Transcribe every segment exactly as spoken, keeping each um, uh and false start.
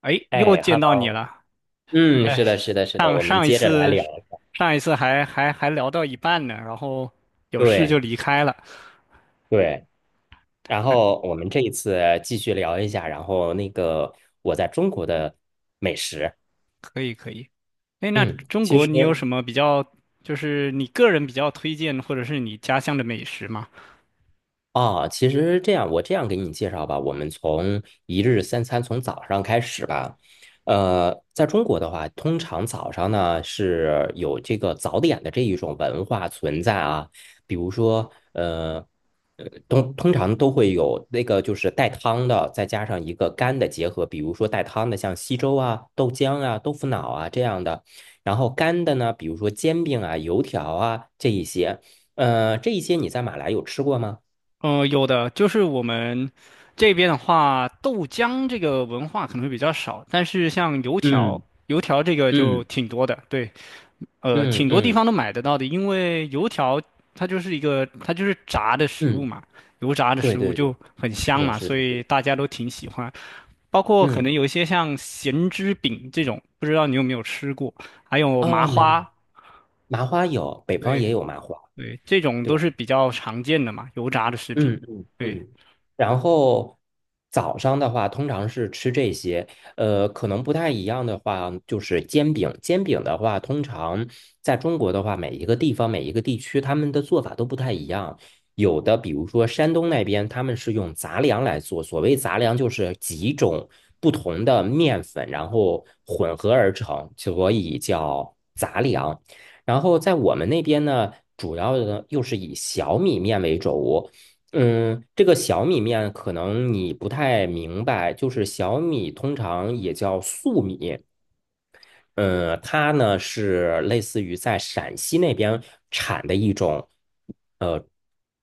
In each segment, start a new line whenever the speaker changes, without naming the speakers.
哎，又
哎
见到你
，Hello，
了。
嗯，是
哎，
的，是的，是的，
上
我们
上一
接着来
次，
聊，
上一次还还还聊到一半呢，然后有事就
对
离开了。
对，然
那
后我们这一次继续聊一下，然后那个我在中国的美食。
可以可以。哎，那
嗯，
中
其
国
实
你有什么比较，就是你个人比较推荐或者是你家乡的美食吗？
啊，其实这样，我这样给你介绍吧，我们从一日三餐从早上开始吧。呃，在中国的话，通常早上呢是有这个早点的这一种文化存在啊。比如说，呃，呃，通通常都会有那个就是带汤的，再加上一个干的结合。比如说带汤的像稀粥啊、豆浆啊、豆腐脑啊这样的，然后干的呢，比如说煎饼啊、油条啊这一些。呃，这一些你在马来有吃过吗？
呃，有的，就是我们这边的话，豆浆这个文化可能会比较少，但是像油条，
嗯
油条这个就
嗯
挺多的。对。呃，
嗯
挺多地
嗯
方都买得到的，因为油条它就是一个它就是炸的食物
嗯，
嘛，油炸的
对
食物
对对，
就很
是
香
的，
嘛，
是
所
的，是
以
的。
大家都挺喜欢。包括可能
嗯，
有一些像咸汁饼这种，不知道你有没有吃过，还有麻
啊，没有，
花，
麻花有，北方也
对
有麻花，
对，这种
对
都
吧？
是比较常见的嘛，油炸的食品。
嗯嗯
对，
嗯。然后早上的话，通常是吃这些。呃，可能不太一样的话，就是煎饼。煎饼的话，通常在中国的话，每一个地方、每一个地区，他们的做法都不太一样。有的，比如说山东那边，他们是用杂粮来做。所谓杂粮，就是几种不同的面粉，然后混合而成，所以叫杂粮。然后在我们那边呢，主要的又是以小米面为主。嗯，这个小米面可能你不太明白，就是小米通常也叫粟米。嗯，它呢是类似于在陕西那边产的一种呃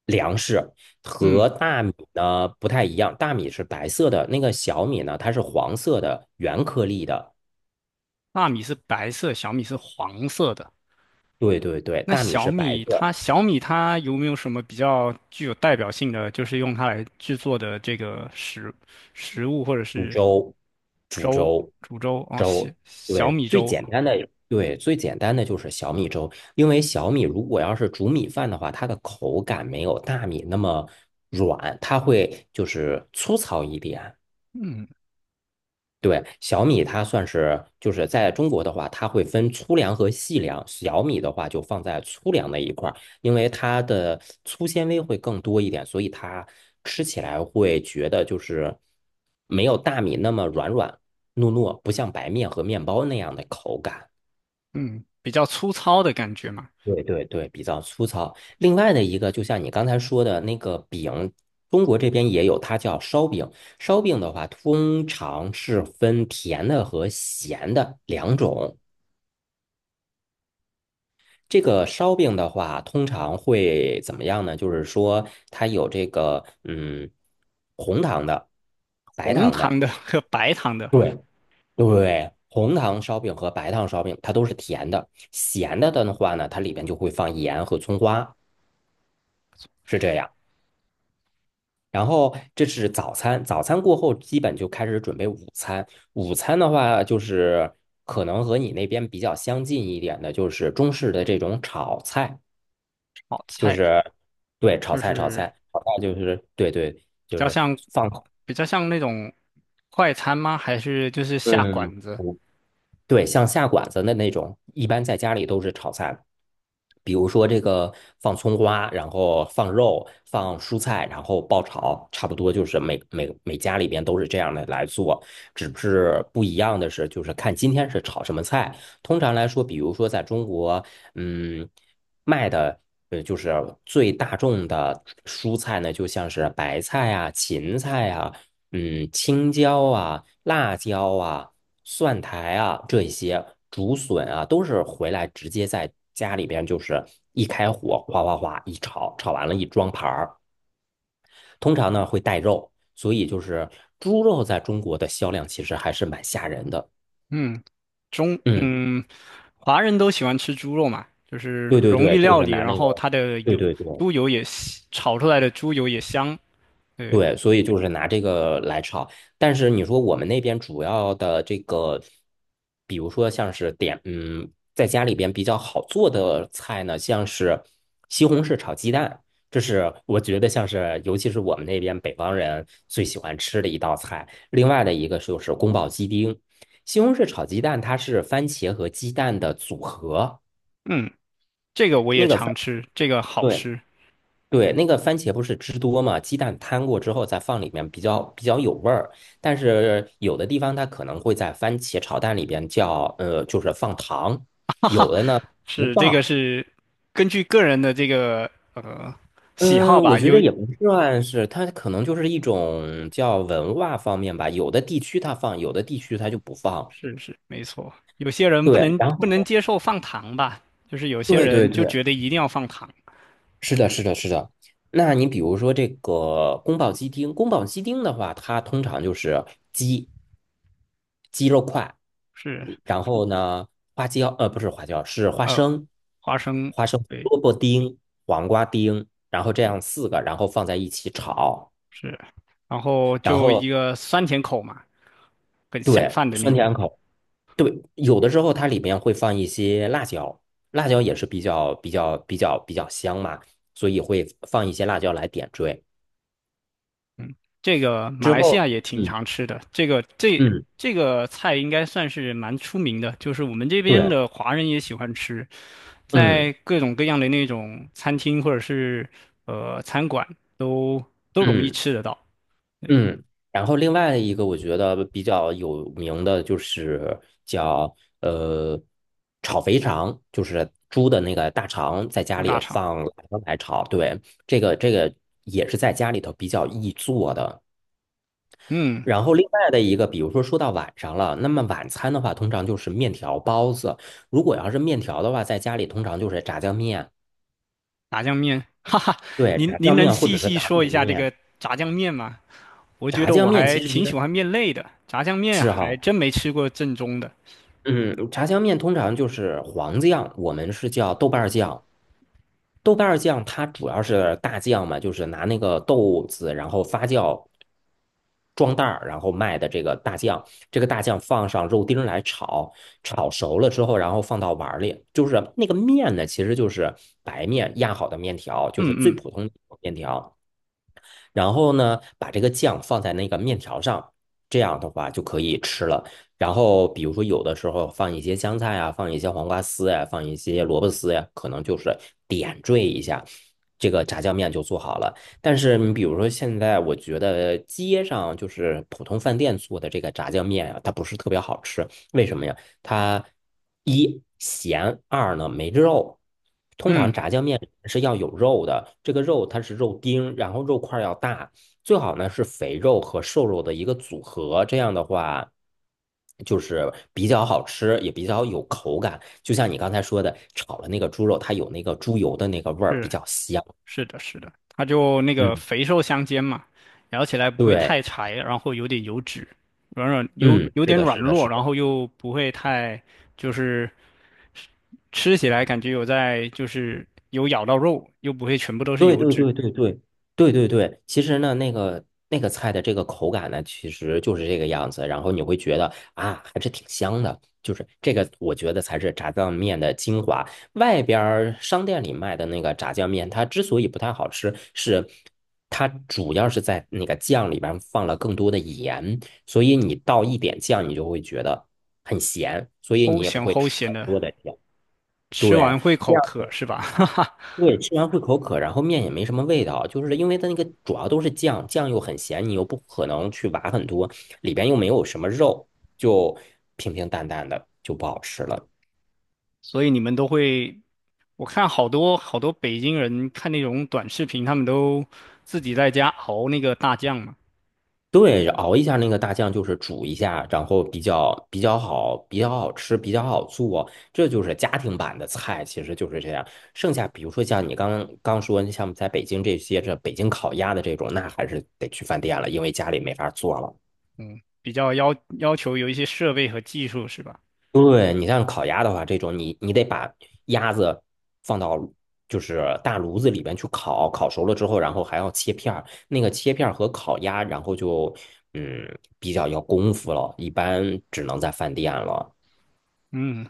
粮食，
嗯，
和大米呢不太一样，大米是白色的，那个小米呢它是黄色的，圆颗粒的。
大米是白色，小米是黄色的。
对对对，
那
大米
小
是白
米它
色。
小米它有没有什么比较具有代表性的，就是用它来制作的这个食食物或者
煮
是
粥，煮
粥，
粥，
煮粥哦，小
粥，
小
对，
米
最
粥，
简单的，对，最简单的就是小米粥。因为小米如果要是煮米饭的话，它的口感没有大米那么软，它会就是粗糙一点。
嗯
对，小米它算是就是在中国的话，它会分粗粮和细粮。小米的话就放在粗粮那一块儿，因为它的粗纤维会更多一点，所以它吃起来会觉得就是没有大米那么软软糯糯，不像白面和面包那样的口感。
嗯，比较粗糙的感觉嘛，
对对对，比较粗糙。另外的一个，就像你刚才说的那个饼，中国这边也有，它叫烧饼。烧饼的话，通常是分甜的和咸的两种。这个烧饼的话，通常会怎么样呢？就是说，它有这个嗯，红糖的、白
红
糖
糖
的。
的和白糖的
对对，红糖烧饼和白糖烧饼，它都是甜的。咸的的话呢，它里边就会放盐和葱花，是这样。然后这是早餐，早餐过后基本就开始准备午餐。午餐的话，就是可能和你那边比较相近一点的，就是中式的这种炒菜。
炒
就
菜，
是对炒
就
菜，炒
是
菜，炒菜就是对对，
比
就
较
是
像
放
比较像那种快餐吗？还是就是下
对对
馆子？
对，对，像下馆子的那种，一般在家里都是炒菜。比如说这个放葱花，然后放肉，放蔬菜，然后爆炒，差不多就是每每每家里边都是这样的来做，只是不一样的是，就是看今天是炒什么菜。通常来说，比如说在中国，嗯，卖的呃就是最大众的蔬菜呢，就像是白菜啊、芹菜啊。嗯，青椒啊、辣椒啊、蒜苔啊这一些竹笋啊，都是回来直接在家里边就是一开火，哗哗哗一炒，炒完了一装盘儿。通常呢会带肉，所以就是猪肉在中国的销量其实还是蛮吓人的。
嗯，中
嗯，
嗯，华人都喜欢吃猪肉嘛，就是
对对
容易
对，就
料
是
理，
拿
然
那
后
个，
它的
对
油，
对对，
猪油也香，炒出来的猪油也香。对，
对，所以就是拿这个来炒。但是你说我们那边主要的这个，比如说像是点，嗯，在家里边比较好做的菜呢，像是西红柿炒鸡蛋，这是我觉得像是，尤其是我们那边北方人最喜欢吃的一道菜。另外的一个就是宫保鸡丁。西红柿炒鸡蛋它是番茄和鸡蛋的组合。
嗯，这个我也
那个番。
常吃，这个好
对，
吃，
对，那个番茄不是汁多嘛，鸡蛋摊过之后再放里面比较比较有味儿。但是有的地方它可能会在番茄炒蛋里边叫呃，就是放糖，有的呢不
是这个
放。
是根据个人的这个呃喜好
嗯，我
吧，
觉得
有
也不算是，它可能就是一种叫文化方面吧，有的地区它放，有的地区它就不放。
是是没错，有些人不
对，
能
然
不能
后
接受放糖吧，就是有些
对对
人
对，
就觉得一定要放糖，
是的，是的，是的。那你比如说这个宫保鸡丁，宫保鸡丁的话，它通常就是鸡。鸡肉块，
是
然后呢，花椒，呃，不是花椒，是花
呃
生，
花生。
花生、
对。
萝卜丁、黄瓜丁，然后这样四个，然后放在一起炒，
是，然后
然
就
后
一个酸甜口嘛，很下
对，
饭的那
酸
种。
甜口。对，有的时候它里面会放一些辣椒，辣椒也是比较比较比较比较香嘛，所以会放一些辣椒来点缀。
这个马
之
来西亚
后，
也挺
嗯
常吃的，这个这
嗯，
这个菜应该算是蛮出名的，就是我们这边
对，
的华人也喜欢吃，
嗯
在各种各样的那种餐厅或者是呃餐馆都都容易
嗯。
吃得到。对，
嗯，然后另外一个我觉得比较有名的就是叫呃炒肥肠，就是猪的那个大肠，在家
猪
里
大肠，
放辣椒来炒。对，这个这个也是在家里头比较易做的。
嗯，
然后另外的一个，比如说说到晚上了，那么晚餐的话，通常就是面条、包子。如果要是面条的话，在家里通常就是炸酱面。
炸酱面，哈哈，
对，
您
炸
您
酱
能
面或
细
者是
细
打
说
卤
一下这
面。
个炸酱面吗？我觉
炸
得
酱
我
面
还
其
挺喜
实
欢面类的，炸酱面
是
还
哈。
真没吃过正宗的。
嗯，炸酱面通常就是黄酱，我们是叫豆瓣儿酱。豆瓣儿酱它主要是大酱嘛，就是拿那个豆子，然后发酵装袋儿，然后卖的这个大酱。这个大酱放上肉丁儿来炒，炒熟了之后，然后放到碗儿里。就是那个面呢，其实就是白面压好的面条，就是
嗯
最
嗯
普通的面条。然后呢，把这个酱放在那个面条上，这样的话就可以吃了。然后比如说有的时候放一些香菜啊，放一些黄瓜丝呀、放一些萝卜丝呀、可能就是点缀一下，这个炸酱面就做好了。但是你比如说现在，我觉得街上就是普通饭店做的这个炸酱面啊，它不是特别好吃。为什么呀？它一咸，二呢没肉。通常
嗯，
炸酱面是要有肉的，这个肉它是肉丁，然后肉块儿要大，最好呢是肥肉和瘦肉的一个组合，这样的话就是比较好吃，也比较有口感。就像你刚才说的，炒了那个猪肉，它有那个猪油的那个味儿，比
是
较香。
是的，是的，它就那个
嗯，
肥瘦相间嘛，咬起来不会
对，
太柴，然后有点油脂，软软有
嗯，
有
是
点
的，
软
是的，
糯，
是
然
的。
后又不会太，就是吃起来感觉有在就是有咬到肉，又不会全部都是
对
油
对
脂，
对对对对对对，其实呢，那个那个菜的这个口感呢，其实就是这个样子，然后你会觉得啊，还是挺香的，就是这个，我觉得才是炸酱面的精华。外边儿商店里卖的那个炸酱面，它之所以不太好吃，是它主要是在那个酱里边放了更多的盐，所以你倒一点酱，你就会觉得很咸，所以你
齁
也不
咸
会
齁
吃
咸
很
的，
多的酱。
吃
对。
完会
这
口
样。
渴是吧？哈哈，
对，吃完会口渴，然后面也没什么味道，就是因为它那个主要都是酱，酱又很咸，你又不可能去挖很多，里边又没有什么肉，就平平淡淡的就不好吃了。
所以你们都会，我看好多好多北京人看那种短视频，他们都自己在家熬那个大酱嘛。
对，熬一下那个大酱，就是煮一下，然后比较比较好，比较好吃，比较好做，这就是家庭版的菜，其实就是这样。剩下比如说像你刚刚说，像在北京这些这北京烤鸭的这种，那还是得去饭店了，因为家里没法做了。
嗯，比较要要求有一些设备和技术是吧？
对，你像烤鸭的话，这种你你得把鸭子放到就是大炉子里边去烤，烤熟了之后，然后还要切片儿。那个切片儿和烤鸭，然后就嗯比较要功夫了，一般只能在饭店了。
嗯，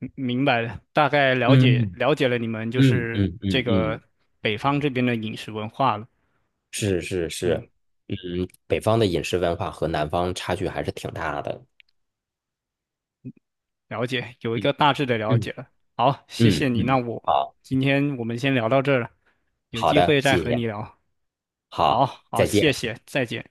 明明白了，大概了解
嗯
了解了你们就
嗯
是
嗯嗯
这个
嗯，
北方这边的饮食文化了。
是是
嗯，
是，嗯，北方的饮食文化和南方差距还是挺大的。
了解，有一
嗯
个大致的了
嗯
解了。好，谢谢
嗯
你，那
嗯，
我
好
今天我们先聊到这儿了，有
好
机
的，
会再
谢
和
谢，
你聊。好
好，
好，
再见。
谢谢，再见。